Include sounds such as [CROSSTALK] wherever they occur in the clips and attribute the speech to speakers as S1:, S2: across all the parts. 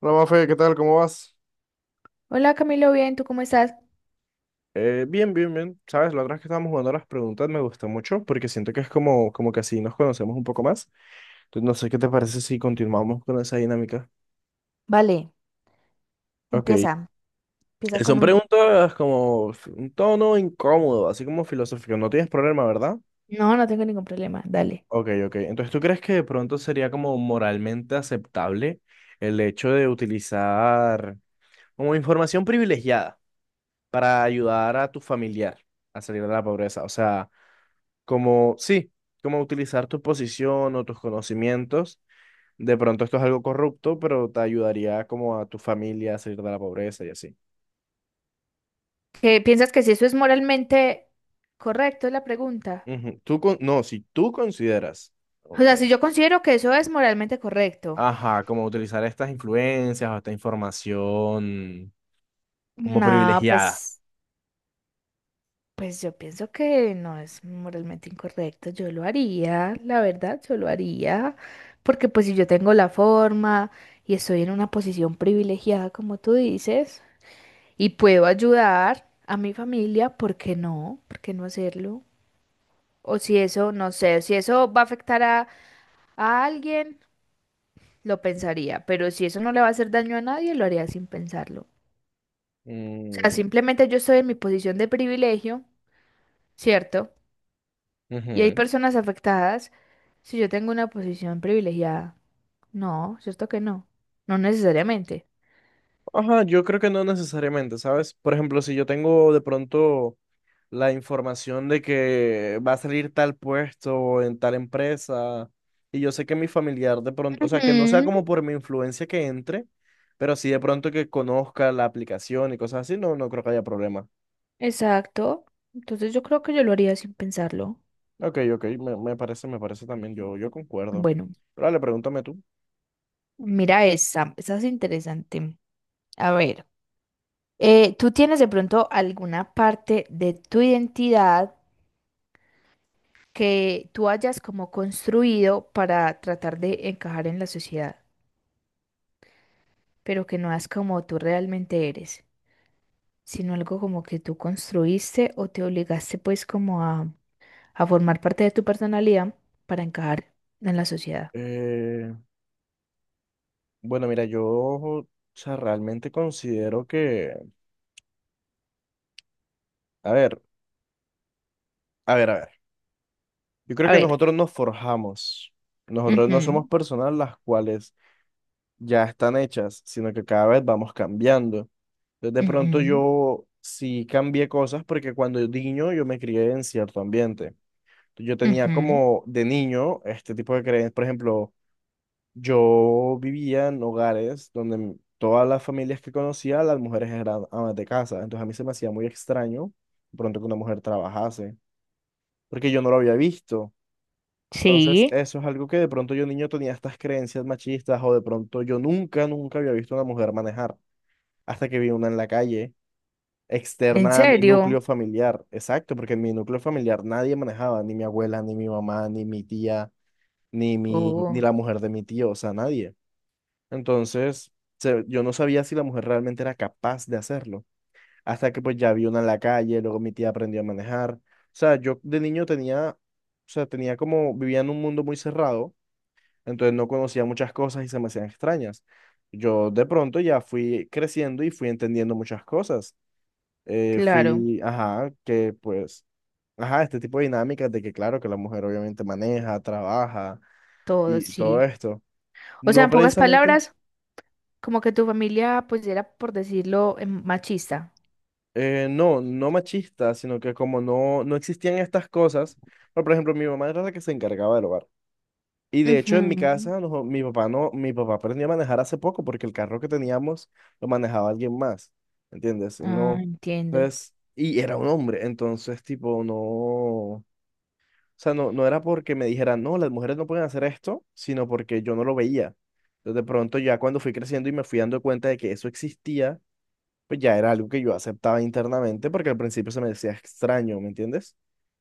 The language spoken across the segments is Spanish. S1: Hola, Mafe, ¿qué tal? ¿Cómo vas?
S2: Hola Camilo, bien, ¿tú cómo estás?
S1: Bien, bien, bien. Sabes, la otra vez que estábamos jugando a las preguntas me gustó mucho porque siento que es como, como que así nos conocemos un poco más. Entonces, no sé qué te parece si continuamos con esa dinámica.
S2: Vale,
S1: Ok.
S2: empieza, empieza con
S1: Son
S2: uno.
S1: preguntas como un tono incómodo, así como filosófico. No tienes problema, ¿verdad?
S2: No, no tengo ningún problema, dale.
S1: Ok, ok. Entonces, ¿tú crees que de pronto sería como moralmente aceptable el hecho de utilizar como información privilegiada para ayudar a tu familiar a salir de la pobreza? O sea, como, sí, como utilizar tu posición o tus conocimientos. De pronto esto es algo corrupto, pero te ayudaría como a tu familia a salir de la pobreza y así.
S2: ¿Qué piensas que si eso es moralmente correcto, es la pregunta?
S1: Ujú. No, si tú consideras,
S2: O
S1: oh,
S2: sea, si
S1: perdón.
S2: yo considero que eso es moralmente correcto.
S1: Ajá, como utilizar estas influencias o esta información como
S2: No,
S1: privilegiada.
S2: pues, pues yo pienso que no es moralmente incorrecto. Yo lo haría, la verdad, yo lo haría. Porque pues si yo tengo la forma y estoy en una posición privilegiada, como tú dices. Y puedo ayudar a mi familia, ¿por qué no? ¿Por qué no hacerlo? O si eso, no sé, si eso va a afectar a alguien, lo pensaría, pero si eso no le va a hacer daño a nadie, lo haría sin pensarlo. O sea,
S1: Mm,
S2: simplemente yo estoy en mi posición de privilegio, ¿cierto? Y hay
S1: ujú.
S2: personas afectadas si yo tengo una posición privilegiada. No, ¿cierto que no? No necesariamente.
S1: Ajá, yo creo que no necesariamente, ¿sabes? Por ejemplo, si yo tengo de pronto la información de que va a salir tal puesto en tal empresa. Y yo sé que mi familiar de pronto, o sea, que no sea
S2: Ujú,
S1: como por mi influencia que entre, pero sí de pronto que conozca la aplicación y cosas así, no, no creo que haya problema.
S2: exacto. Entonces yo creo que yo lo haría sin pensarlo.
S1: Ok, ok, me parece, me parece también, yo concuerdo.
S2: Bueno.
S1: Pero dale, pregúntame tú.
S2: Mira esa, esa es interesante. A ver, ¿tú tienes de pronto alguna parte de tu identidad que tú hayas como construido para tratar de encajar en la sociedad, pero que no es como tú realmente eres, sino algo como que tú construiste o te obligaste pues como a formar parte de tu personalidad para encajar en la sociedad?
S1: Eh, bueno, mira, o sea, realmente considero que, a ver, a ver, yo creo
S2: A
S1: que
S2: ver.
S1: nosotros nos forjamos. Nosotros no somos
S2: Ujú,
S1: personas las cuales ya están hechas, sino que cada vez vamos cambiando. Entonces, de pronto
S2: ujú,
S1: yo sí cambié cosas porque cuando yo niño yo me crié en cierto ambiente. Yo tenía
S2: ujú.
S1: como de niño este tipo de creencias. Por ejemplo, yo vivía en hogares donde todas las familias que conocía, las mujeres eran amas de casa. Entonces a mí se me hacía muy extraño de pronto que una mujer trabajase, porque yo no lo había visto. Entonces,
S2: Sí,
S1: eso es algo que de pronto yo niño tenía estas creencias machistas o de pronto yo nunca había visto a una mujer manejar hasta que vi una en la calle,
S2: ¿en
S1: externa a mi núcleo
S2: serio?
S1: familiar. Exacto, porque en mi núcleo familiar nadie manejaba, ni mi abuela, ni mi mamá, ni mi tía, ni
S2: Oh,
S1: la mujer de mi tío, o sea, nadie. Entonces, yo no sabía si la mujer realmente era capaz de hacerlo, hasta que pues ya vi una en la calle, luego mi tía aprendió a manejar. O sea, yo de niño tenía, o sea, tenía como, vivía en un mundo muy cerrado, entonces no conocía muchas cosas y se me hacían extrañas. Yo de pronto ya fui creciendo y fui entendiendo muchas cosas,
S2: claro.
S1: ajá, que pues, ajá, este tipo de dinámicas de que claro que la mujer obviamente maneja, trabaja
S2: Todo,
S1: y todo
S2: sí.
S1: esto.
S2: O sea,
S1: No
S2: en pocas
S1: precisamente,
S2: palabras, como que tu familia, pues era, por decirlo, machista.
S1: no, no machista, sino que como no existían estas cosas, pero, por ejemplo, mi mamá era la que se encargaba del hogar. Y de hecho en mi
S2: Ujú.
S1: casa, no, mi papá aprendió a manejar hace poco porque el carro que teníamos lo manejaba alguien más, ¿entiendes? Él
S2: Ah,
S1: no,
S2: entiendo.
S1: entonces, y era un hombre, entonces tipo no. O sea, no, no era porque me dijeran, no, las mujeres no pueden hacer esto, sino porque yo no lo veía. Entonces, de pronto, ya cuando fui creciendo y me fui dando cuenta de que eso existía, pues ya era algo que yo aceptaba internamente, porque al principio se me decía extraño, ¿me entiendes?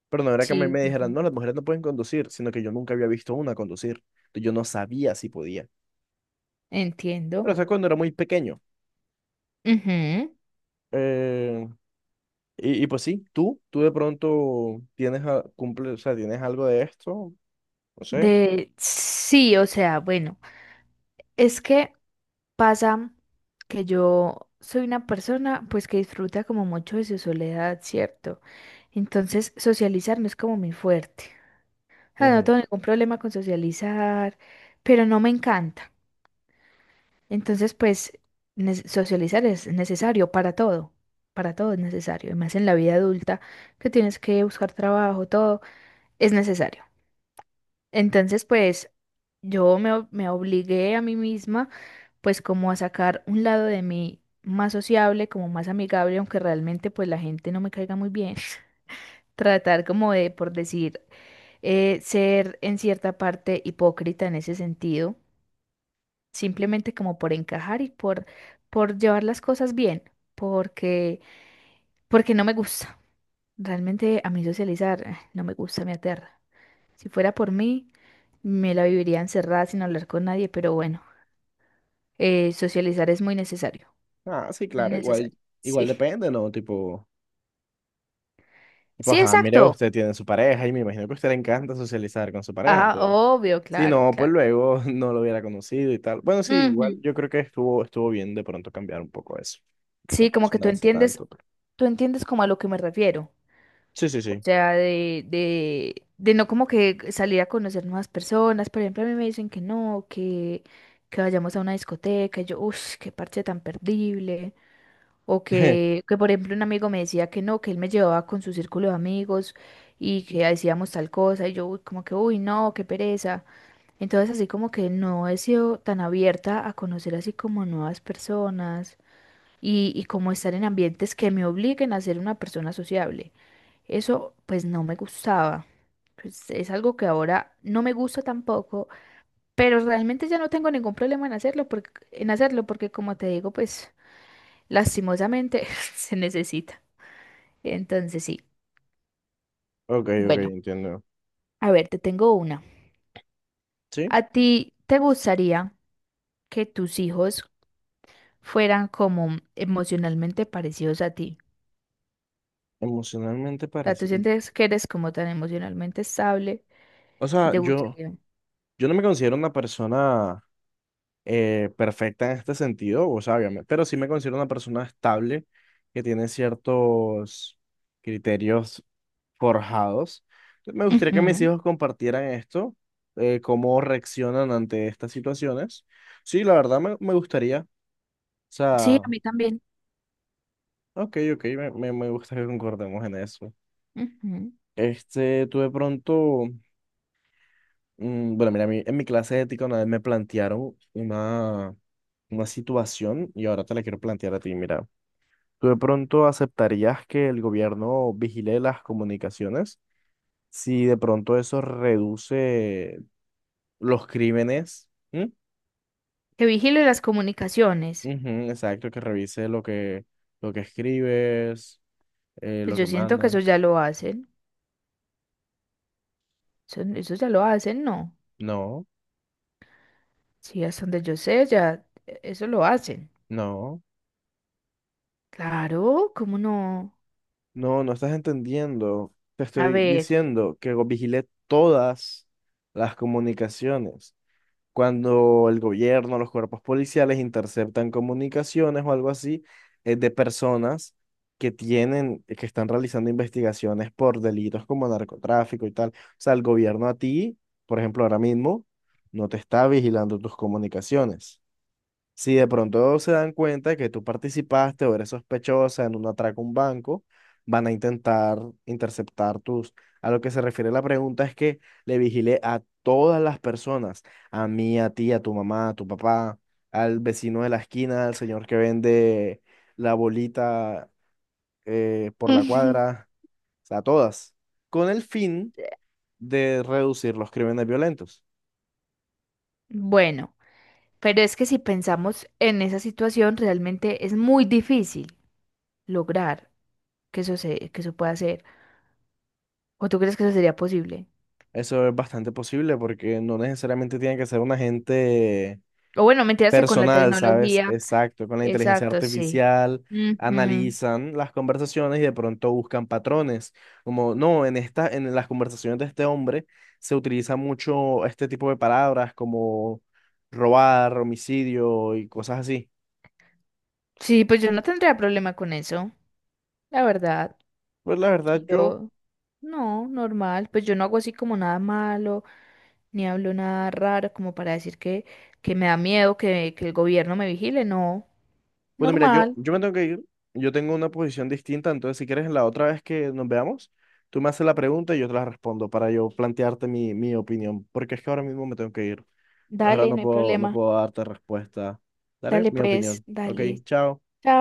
S1: Pero no era que a mí
S2: Sí,
S1: me dijeran,
S2: entiendo.
S1: no, las mujeres no pueden conducir, sino que yo nunca había visto una conducir. Entonces, yo no sabía si podía. Pero
S2: Entiendo.
S1: eso es cuando era muy pequeño.
S2: Ujú.
S1: Eh, y pues sí, tú de pronto tienes, o sea, tienes algo de esto, no sé.
S2: De, sí, o sea, bueno, es que pasa que yo soy una persona, pues que disfruta como mucho de su soledad, ¿cierto? Entonces, socializar no es como mi fuerte. O sea, no
S1: Ujú.
S2: tengo ningún problema con socializar, pero no me encanta. Entonces, pues, socializar es necesario para todo es necesario, y más en la vida adulta que tienes que buscar trabajo, todo es necesario. Entonces, pues, me obligué a mí misma, pues, como a sacar un lado de mí más sociable, como más amigable, aunque realmente, pues, la gente no me caiga muy bien. [LAUGHS] Tratar como de, por decir, ser en cierta parte hipócrita en ese sentido simplemente como por encajar y por llevar las cosas bien, porque, porque no me gusta. Realmente a mí socializar no me gusta, me aterra. Si fuera por mí, me la viviría encerrada sin hablar con nadie, pero bueno, socializar es muy necesario,
S1: Ah, sí,
S2: muy
S1: claro, igual,
S2: necesario.
S1: igual
S2: Sí.
S1: depende, ¿no? Tipo,
S2: Sí,
S1: ajá, mire,
S2: exacto.
S1: usted tiene su pareja y me imagino que a usted le encanta socializar con su pareja.
S2: Ah,
S1: Entonces,
S2: obvio,
S1: si
S2: claro,
S1: no, pues
S2: claro.
S1: luego [LAUGHS] no lo hubiera conocido y tal. Bueno, sí,
S2: Ujú.
S1: igual yo creo que estuvo bien de pronto cambiar un poco eso. No
S2: Sí, como que
S1: presionarse tanto, pero...
S2: tú entiendes como a lo que me refiero.
S1: Sí, sí,
S2: O
S1: sí.
S2: sea, de no como que salir a conocer nuevas personas. Por ejemplo, a mí me dicen que no, que vayamos a una discoteca. Y yo, uff, qué parche tan perdible. O
S1: [LAUGHS]
S2: que, por ejemplo, un amigo me decía que no, que él me llevaba con su círculo de amigos y que decíamos tal cosa. Y yo, uy, como que, uy, no, qué pereza. Entonces, así como que no he sido tan abierta a conocer así como nuevas personas y como estar en ambientes que me obliguen a ser una persona sociable. Eso pues no me gustaba. Pues es algo que ahora no me gusta tampoco, pero realmente ya no tengo ningún problema en hacerlo porque como te digo, pues lastimosamente [LAUGHS] se necesita. Entonces sí.
S1: Ok, ok,
S2: Bueno,
S1: entiendo.
S2: a ver, te tengo una.
S1: Sí,
S2: ¿A ti te gustaría que tus hijos fueran como emocionalmente parecidos a ti?
S1: emocionalmente
S2: O sea, tú
S1: parecido.
S2: sientes que eres como tan emocionalmente estable
S1: O
S2: y
S1: sea,
S2: te gustaría.
S1: yo no me considero una persona perfecta en este sentido, o sea, obviamente, pero sí me considero una persona estable que tiene ciertos criterios forjados. Me gustaría que mis
S2: Ujú.
S1: hijos compartieran esto, cómo reaccionan ante estas situaciones. Sí, la verdad me gustaría, o
S2: Sí,
S1: sea,
S2: a mí también.
S1: ok, ok, me gusta que concordemos en eso.
S2: Ujú.
S1: Este, tú de pronto, mm, bueno, mira, en mi clase de ética una vez me plantearon una situación y ahora te la quiero plantear a ti, mira. ¿Tú de pronto aceptarías que el gobierno vigile las comunicaciones si de pronto eso reduce los crímenes? ¿Mm?
S2: Que vigile las comunicaciones.
S1: Ujú, exacto, que revise lo que escribes,
S2: Pues
S1: lo
S2: yo
S1: que
S2: siento que eso
S1: mandas.
S2: ya lo hacen. Eso ya lo hacen, ¿no?
S1: No,
S2: Sí, hasta donde yo sé, ya eso lo hacen.
S1: no,
S2: Claro, ¿cómo no?
S1: no, no estás entendiendo. Te
S2: A
S1: estoy
S2: ver.
S1: diciendo que vigile todas las comunicaciones. Cuando el gobierno, los cuerpos policiales interceptan comunicaciones o algo así, de personas que tienen, que están realizando investigaciones por delitos como narcotráfico y tal. O sea, el gobierno a ti, por ejemplo, ahora mismo, no te está vigilando tus comunicaciones. Si de pronto se dan cuenta que tú participaste o eres sospechosa en un atraco a un banco, van a intentar interceptar tus... A lo que se refiere la pregunta es que le vigile a todas las personas, a mí, a ti, a tu mamá, a tu papá, al vecino de la esquina, al señor que vende la bolita por la
S2: [LAUGHS]
S1: cuadra, o sea, a todas, con el fin de reducir los crímenes violentos.
S2: Bueno, pero es que si pensamos en esa situación, realmente es muy difícil lograr que eso se, que eso pueda ser. ¿O tú crees que eso sería posible?
S1: Eso es bastante posible porque no necesariamente tiene que ser un agente
S2: O bueno, mentiras que con la
S1: personal, ¿sabes?
S2: tecnología.
S1: Exacto, con la inteligencia
S2: Exacto, sí.
S1: artificial
S2: Ujú.
S1: analizan las conversaciones y de pronto buscan patrones, como no, en esta, en las conversaciones de este hombre se utiliza mucho este tipo de palabras como robar, homicidio y cosas así.
S2: Sí, pues yo no tendría problema con eso, la verdad.
S1: Pues la verdad yo,
S2: Yo, no, normal, pues yo no hago así como nada malo, ni hablo nada raro como para decir que me da miedo que el gobierno me vigile, no,
S1: bueno, mira, yo
S2: normal,
S1: yo me tengo que ir, yo tengo una posición distinta, entonces si quieres la otra vez que nos veamos, tú me haces la pregunta y yo te la respondo para yo plantearte mi opinión, porque es que ahora mismo me tengo que ir. Entonces ahora
S2: dale,
S1: no
S2: no hay
S1: puedo, no
S2: problema,
S1: puedo darte respuesta. Daré
S2: dale
S1: mi
S2: pues,
S1: opinión. Ok,
S2: dale,
S1: chao.
S2: chao.